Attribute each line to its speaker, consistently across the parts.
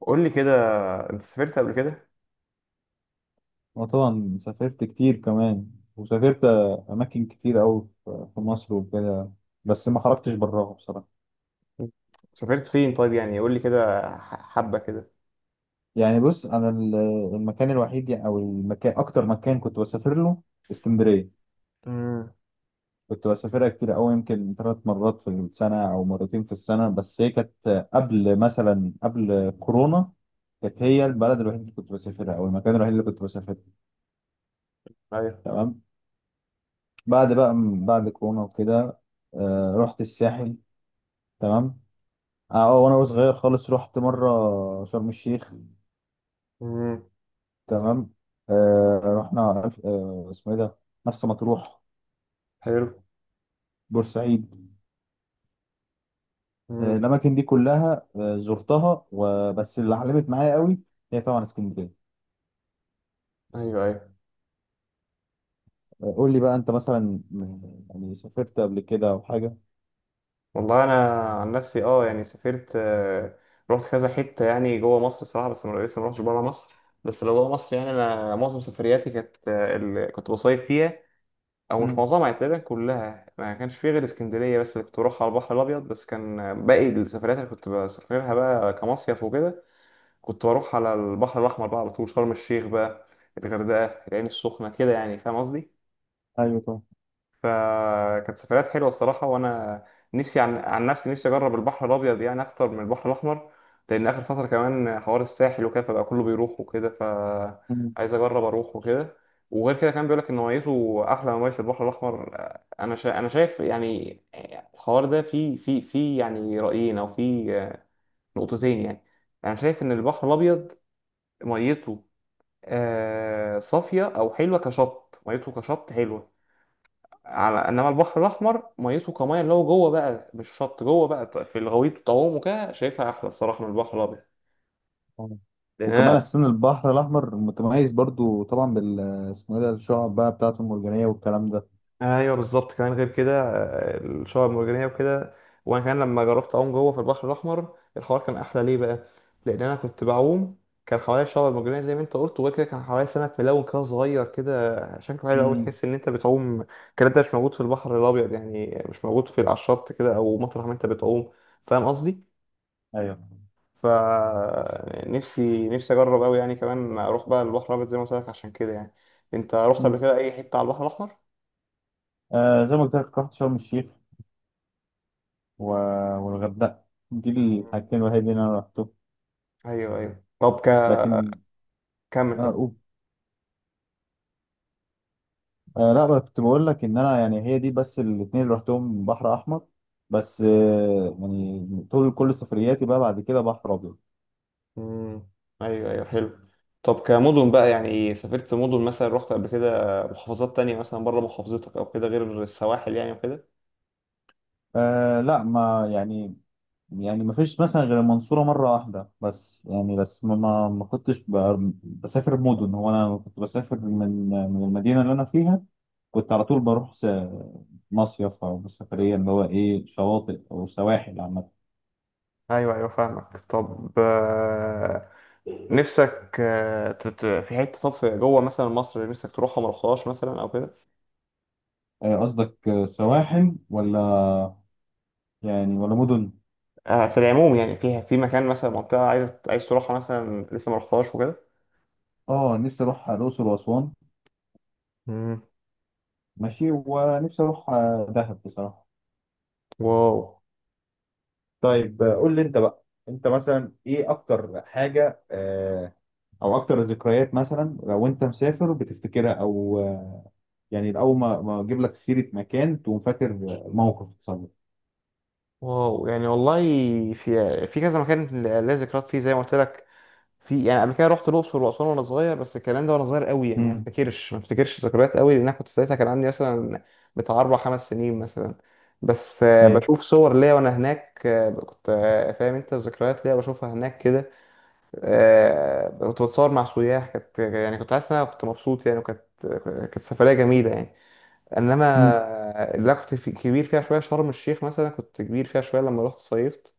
Speaker 1: قول لي كده، انت سافرت قبل كده؟
Speaker 2: وطبعا سافرت كتير كمان، وسافرت أماكن كتير أوي في مصر وكده، بس ما خرجتش براها بصراحة.
Speaker 1: سافرت فين طيب؟ يعني قول لي كده حبة كده.
Speaker 2: يعني بص، أنا المكان الوحيد أو المكان أكتر مكان كنت بسافر له اسكندرية.
Speaker 1: امم.
Speaker 2: كنت بسافرها كتير أوي، يمكن 3 مرات في السنة أو مرتين في السنة، بس هي كانت قبل، مثلا قبل كورونا. كانت هي البلد الوحيد اللي كنت بسافرها أو المكان الوحيد اللي كنت بسافره.
Speaker 1: ايوه.
Speaker 2: تمام. بعد بقى بعد كورونا وكده، رحت الساحل. تمام. وانا صغير خالص رحت مره شرم الشيخ.
Speaker 1: امم.
Speaker 2: تمام. رحنا، اسمه ايه ده، مرسى مطروح،
Speaker 1: حلو.
Speaker 2: بورسعيد.
Speaker 1: امم.
Speaker 2: الاماكن دي كلها زرتها، وبس اللي علمت معايا قوي هي طبعا اسكندريه.
Speaker 1: ايوه، ايوه.
Speaker 2: قول لي بقى انت مثلا، يعني سافرت قبل كده او حاجه؟
Speaker 1: والله انا، عن نفسي، يعني سافرت، رحت كذا حتة يعني جوه مصر صراحة، بس انا لسه ما رحتش بره مصر. بس لو جوه مصر، يعني انا معظم سفرياتي كانت، اللي كنت بصيف فيها. او مش
Speaker 2: مم.
Speaker 1: معظمها، يعني تقريبا كلها ما كانش فيه غير اسكندرية بس اللي كنت بروحها على البحر الابيض، بس كان، باقي السفريات اللي كنت بسافرها بقى كمصيف وكده. كنت بروح على البحر الأحمر بقى على طول، شرم الشيخ بقى، الغردقة، العين السخنة كده، يعني فاهم قصدي.
Speaker 2: ايوه طبعا.
Speaker 1: فكانت سفريات حلوة الصراحة، وأنا نفسي، عن نفسي، نفسي أجرب البحر الأبيض يعني أكتر من البحر الأحمر. لأن آخر فترة كمان حوار الساحل وكده، فبقى كله بيروح وكده،
Speaker 2: مم.
Speaker 1: فعايز أجرب أروح وكده. وغير كده كان بيقولك إن ميته أحلى من مية البحر الأحمر. أنا شايف يعني الحوار ده فيه، فيه يعني رأيين، أو فيه نقطتين يعني. أنا شايف إن البحر الأبيض ميته، صافية أو حلوة كشط، ميته كشط حلوة. على إنما البحر الأحمر ميته، كمية اللي هو جوه بقى مش شط جوه بقى، في الغويط والطعوم وكده، شايفها أحلى الصراحة من البحر الأبيض.
Speaker 2: طبعاً.
Speaker 1: لأن أنا.
Speaker 2: وكمان السن البحر الاحمر متميز برضو طبعا بال، اسمه ايه ده، الشعب بقى بتاعته المرجانيه والكلام ده.
Speaker 1: ايوه بالظبط. كمان غير كده، الشعب المرجانيه وكده. وانا كمان لما جربت اعوم جوه في البحر الاحمر، الحوار كان احلى. ليه بقى؟ لان انا كنت بعوم، كان حواليا الشعب المرجانيه زي ما انت قلت، وغير كده كان حواليا سمك ملون كده صغير كده شكله حلو قوي،
Speaker 2: مم.
Speaker 1: تحس ان انت بتعوم. الكلام ده مش موجود في البحر الابيض، يعني مش موجود في، على الشط كده او مطرح ما انت بتعوم. فاهم قصدي.
Speaker 2: ايوه.
Speaker 1: ف نفسي اجرب قوي يعني، كمان اروح بقى البحر الابيض زي ما قلت لك. عشان كده يعني انت رحت قبل
Speaker 2: مم.
Speaker 1: كده اي حته على البحر الاحمر؟
Speaker 2: زي ما قلت لك، رحت شرم الشيخ و... والغردقة. دي الحاجتين الوحيدين اللي انا رحتهم،
Speaker 1: ايوه، ايوه. طب
Speaker 2: لكن.
Speaker 1: كمل
Speaker 2: لا
Speaker 1: كمل.
Speaker 2: أقول. لا بقى، كنت بقول لك ان انا يعني هي دي بس الاتنين اللي رحتهم بحر احمر. بس يعني طول كل سفرياتي بقى بعد كده بحر ابيض.
Speaker 1: مم. ايوه، ايوه، حلو. طب كمدن بقى، يعني سافرت مدن؟ مثلا رحت قبل كده محافظات تانية مثلا بره محافظتك او كده غير السواحل يعني وكده؟
Speaker 2: لا ما يعني ما فيش مثلا غير المنصورة مرة واحدة بس، يعني بس ما كنتش بسافر مدن. هو انا كنت بسافر من المدينة اللي انا فيها، كنت على طول بروح مصيف او سفرية، اللي هو ايه، شواطئ او سواحل عامة.
Speaker 1: ايوه ايوه فاهمك. طب، نفسك، في حته، طب في جوه مثلا مصر، نفسك تروحها ما رحتهاش مثلا او كده؟
Speaker 2: قصدك سواحل ولا، يعني ولا مدن؟
Speaker 1: في العموم يعني، في مكان مثلا، منطقه عايز تروحها مثلا لسه ما رحتهاش وكده.
Speaker 2: اه، نفسي اروح الاقصر واسوان.
Speaker 1: مم.
Speaker 2: ماشي. ونفسي اروح دهب بصراحه.
Speaker 1: واو.
Speaker 2: طيب، قول لي انت بقى، انت مثلا ايه اكتر حاجة، او اكتر ذكريات، مثلا لو انت مسافر بتفتكرها، او يعني اول ما اجيب لك سيره مكان تقوم فاكر موقف حصل لك.
Speaker 1: واو يعني والله، في كذا مكان ليا ذكريات فيه زي ما قلت لك. في يعني قبل كده رحت الاقصر واسوان وانا صغير، بس الكلام ده وانا صغير قوي يعني، ما
Speaker 2: امم،
Speaker 1: افتكرش ما افتكرش ذكريات قوي، لان انا كنت ساعتها كان عندي مثلا بتاع اربع خمس سنين مثلا. بس،
Speaker 2: ايوه.
Speaker 1: بشوف صور ليا وانا هناك، كنت، فاهم انت، ذكريات ليا بشوفها هناك كده. كنت بتصور مع سياح، كانت يعني كنت حاسس ان انا كنت مبسوط يعني، وكانت سفريه جميله يعني. انما
Speaker 2: امم،
Speaker 1: اللي أنا كنت كبير فيها شويه، شرم الشيخ مثلا كنت كبير فيها شويه لما رحت صيفت.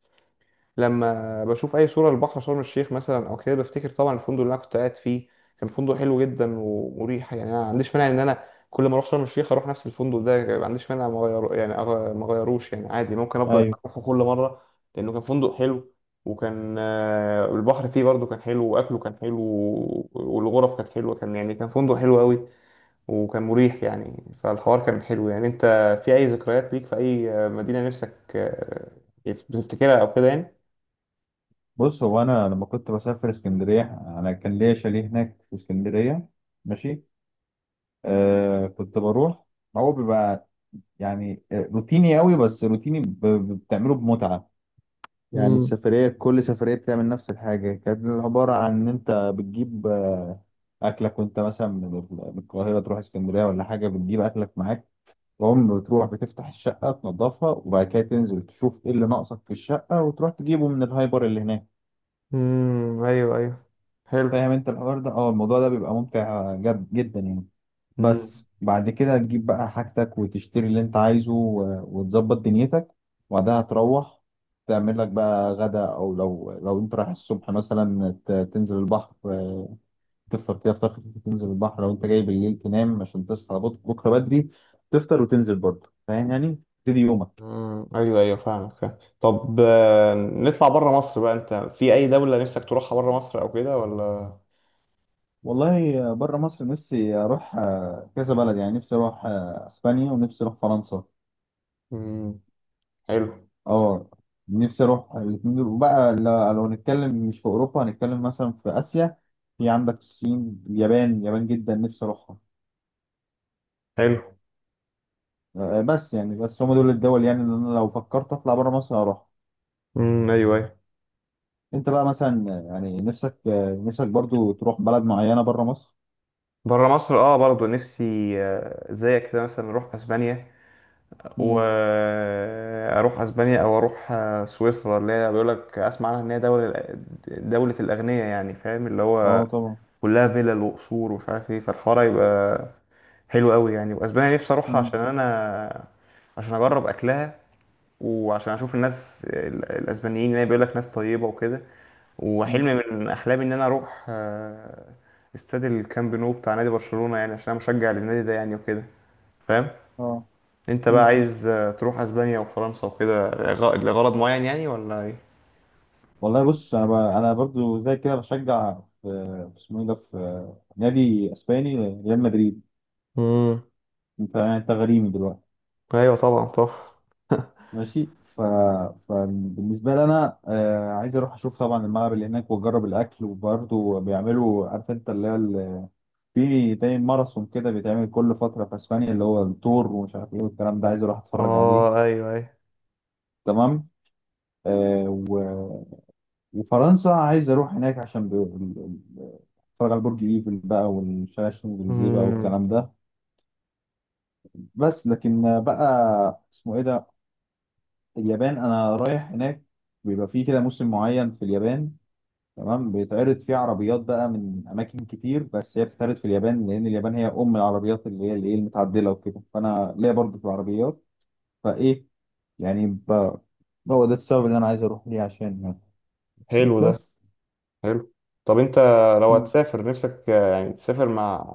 Speaker 1: لما بشوف اي صوره للبحر شرم الشيخ مثلا او كده بفتكر طبعا الفندق اللي انا كنت قاعد فيه. كان فندق حلو جدا ومريح يعني، انا ما عنديش مانع ان انا كل ما اروح شرم الشيخ اروح نفس الفندق ده، ما عنديش مانع ما اغير يعني، ما اغيروش يعني، عادي ممكن افضل
Speaker 2: ايوه.
Speaker 1: اروحه كل مره. لانه كان فندق حلو، وكان، البحر فيه برضه كان حلو، واكله كان حلو، والغرف كانت حلوه، كان يعني كان فندق حلو قوي وكان مريح يعني. فالحوار كان حلو يعني. انت في اي ذكريات ليك في اي مدينة نفسك، بتفتكرها او كده يعني؟
Speaker 2: بص، هو انا لما كنت بسافر اسكندريه، انا كان ليا شاليه هناك في اسكندريه. ماشي. كنت بروح، هو بيبقى يعني روتيني قوي، بس روتيني بتعمله بمتعة. يعني
Speaker 1: امم.
Speaker 2: السفرية، كل سفرية بتعمل نفس الحاجة، كانت عبارة عن إن أنت بتجيب أكلك، وأنت مثلا من القاهرة تروح اسكندرية ولا حاجة بتجيب أكلك معاك. تقوم بتروح بتفتح الشقة تنظفها، وبعد كده تنزل تشوف إيه اللي ناقصك في الشقة وتروح تجيبه من الهايبر اللي هناك.
Speaker 1: امم. ايوه ايوه حلو.
Speaker 2: فاهم أنت الحوار ده؟ الموضوع ده بيبقى ممتع جد جدا يعني.
Speaker 1: امم.
Speaker 2: بس بعد كده تجيب بقى حاجتك وتشتري اللي انت عايزه وتظبط دنيتك، وبعدها تروح تعمل لك بقى غدا، او لو انت رايح الصبح مثلا، تنزل البحر، تفطر كده فطار خفيف تنزل البحر. لو انت جاي بالليل تنام عشان تصحى بكره بدري، تفطر وتنزل برضه. فاهم؟ يعني تبتدي يومك.
Speaker 1: امم. ايوه ايوه فاهمك، فاهم. طب، نطلع بره مصر بقى، انت في اي دولة نفسك تروحها بره مصر او كده ولا؟
Speaker 2: والله بره مصر نفسي اروح كذا بلد، يعني نفسي اروح اسبانيا، ونفسي اروح فرنسا.
Speaker 1: امم. حلو.
Speaker 2: اه نفسي اروح الاتنين دول. وبقى لو هنتكلم مش في اوروبا، هنتكلم مثلا في اسيا، في عندك الصين، اليابان. اليابان جدا نفسي اروحها.
Speaker 1: حلو.
Speaker 2: بس يعني بس هم دول الدول، يعني اللي انا لو فكرت اطلع بره مصر هروح.
Speaker 1: امم. ايوه، ايوه.
Speaker 2: انت بقى مثلا، يعني نفسك برضو تروح بلد معينة بره مصر؟
Speaker 1: بره مصر، اه برضو نفسي، زيك كده مثلا نروح اسبانيا،
Speaker 2: مم.
Speaker 1: واروح اسبانيا، او اروح سويسرا، اللي هي بيقول لك اسمع عنها ان هي دوله، دوله الاغنياء يعني، فاهم، اللي هو
Speaker 2: اه طبعا.
Speaker 1: كلها فيلل وقصور ومش عارف ايه، فالحوار يبقى حلو قوي يعني. واسبانيا نفسي اروحها
Speaker 2: مم.
Speaker 1: عشان انا، عشان اجرب اكلها، وعشان اشوف الناس الاسبانيين اللي بيقول لك ناس طيبه وكده.
Speaker 2: مم.
Speaker 1: وحلم من احلامي ان انا اروح، استاد الكامب نو بتاع نادي برشلونه، يعني عشان انا مشجع للنادي ده يعني وكده، فاهم.
Speaker 2: اه.
Speaker 1: انت بقى
Speaker 2: مم.
Speaker 1: عايز، تروح اسبانيا وفرنسا وكده لغرض معين يعني ولا ايه؟
Speaker 2: والله، بص، انا انا برضو زي كده بشجع، اسمه ايه ده، في نادي اسباني، ريال مدريد.
Speaker 1: امم.
Speaker 2: انت يعني انت غريمي دلوقتي.
Speaker 1: ايوه، طبعا، طبعا.
Speaker 2: ماشي. ف... فبالنسبه لي انا عايز اروح اشوف طبعا الملعب اللي هناك، واجرب الاكل، وبرضه بيعملوا، عارف انت اللي هي في زي ماراثون كده بيتعمل كل فتره في اسبانيا، اللي هو التور ومش عارف ايه والكلام ده، عايز اروح اتفرج
Speaker 1: اه،
Speaker 2: عليه.
Speaker 1: ايوه، ايوه.
Speaker 2: تمام. آه و... وفرنسا عايز اروح هناك عشان اتفرج على برج ايفل بقى والشارع الشانزليزيه بقى
Speaker 1: امم.
Speaker 2: والكلام ده. بس لكن بقى اسمه ايه ده، اليابان انا رايح هناك. بيبقى فيه كده موسم معين في اليابان، تمام، بيتعرض فيه عربيات بقى من اماكن كتير، بس هي بتتعرض في اليابان لان اليابان هي ام العربيات، اللي هي المتعدله وكده، فانا ليا برضه في العربيات. فايه، يعني هو ده السبب اللي انا عايز اروح ليه، عشان يعني،
Speaker 1: حلو ده،
Speaker 2: بس.
Speaker 1: حلو. طب انت لو
Speaker 2: مم.
Speaker 1: هتسافر، نفسك، يعني تسافر مع،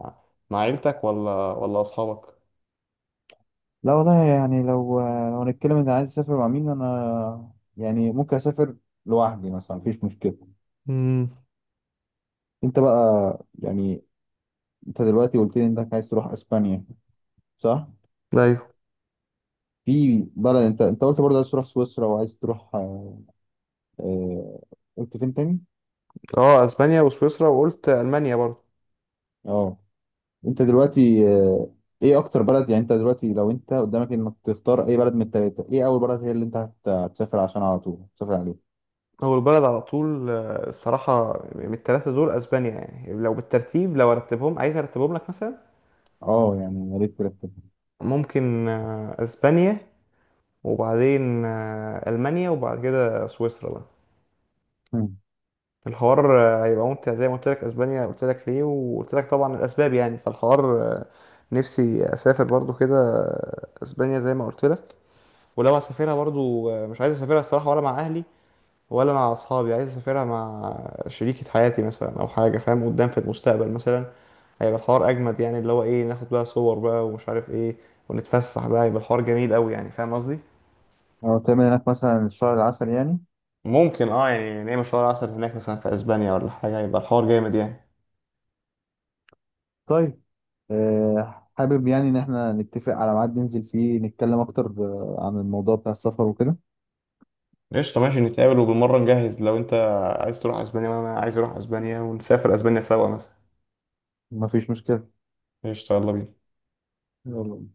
Speaker 1: مع عيلتك ولا اصحابك؟
Speaker 2: لا والله، يعني لو هنتكلم ان عايز اسافر مع مين انا، يعني ممكن اسافر لوحدي مثلا، مفيش مشكله.
Speaker 1: امم.
Speaker 2: انت بقى يعني، انت دلوقتي قلت لي انك عايز تروح اسبانيا صح؟
Speaker 1: ايوه.
Speaker 2: في بلد، انت قلت برضه عايز تروح سويسرا، وعايز تروح آه، قلت فين تاني؟
Speaker 1: اه، اسبانيا وسويسرا، وقلت المانيا برضه.
Speaker 2: اه انت دلوقتي، ايه اكتر بلد، يعني انت دلوقتي لو انت قدامك انك تختار اي بلد من التلاتة، ايه اول بلد هي اللي انت هتسافر عشان على طول تسافر عليه؟
Speaker 1: اول بلد على طول، الصراحه من الثلاثه دول اسبانيا. يعني لو بالترتيب، لو ارتبهم، عايز ارتبهم لك مثلا.
Speaker 2: اه يعني يا ريت ترتب.
Speaker 1: ممكن، اسبانيا، وبعدين، ألمانيا، وبعد كده سويسرا بقى.
Speaker 2: مم.
Speaker 1: الحوار، هيبقى ممتع زي ما قلت لك. اسبانيا قلت لك ليه، وقلت لك طبعا الاسباب يعني. فالحوار، نفسي اسافر برضو كده، اسبانيا زي ما قلت لك. ولو هسافرها برضو، مش عايز اسافرها الصراحه ولا مع اهلي ولا مع اصحابي، عايز اسافرها مع شريكة حياتي مثلا او حاجه، فاهم، قدام في المستقبل مثلا. هيبقى الحوار اجمد يعني، اللي هو ايه، ناخد بقى صور بقى ومش عارف ايه، ونتفسح بقى، يبقى الحوار جميل قوي يعني، فاهم قصدي.
Speaker 2: اه تعمل هناك مثلا الشهر العسل يعني؟
Speaker 1: ممكن يعني نعمل شهر عسل هناك مثلا في اسبانيا ولا حاجه، يبقى الحوار جامد يعني.
Speaker 2: طيب، حابب يعني ان احنا نتفق على ميعاد ننزل فيه نتكلم اكتر عن الموضوع بتاع السفر وكده.
Speaker 1: قشطه ماشي، نتقابل، وبالمره نجهز لو انت عايز تروح اسبانيا وانا عايز اروح اسبانيا، ونسافر اسبانيا سوا مثلا.
Speaker 2: مفيش مشكلة.
Speaker 1: قشطه، يلا بينا.
Speaker 2: يلا.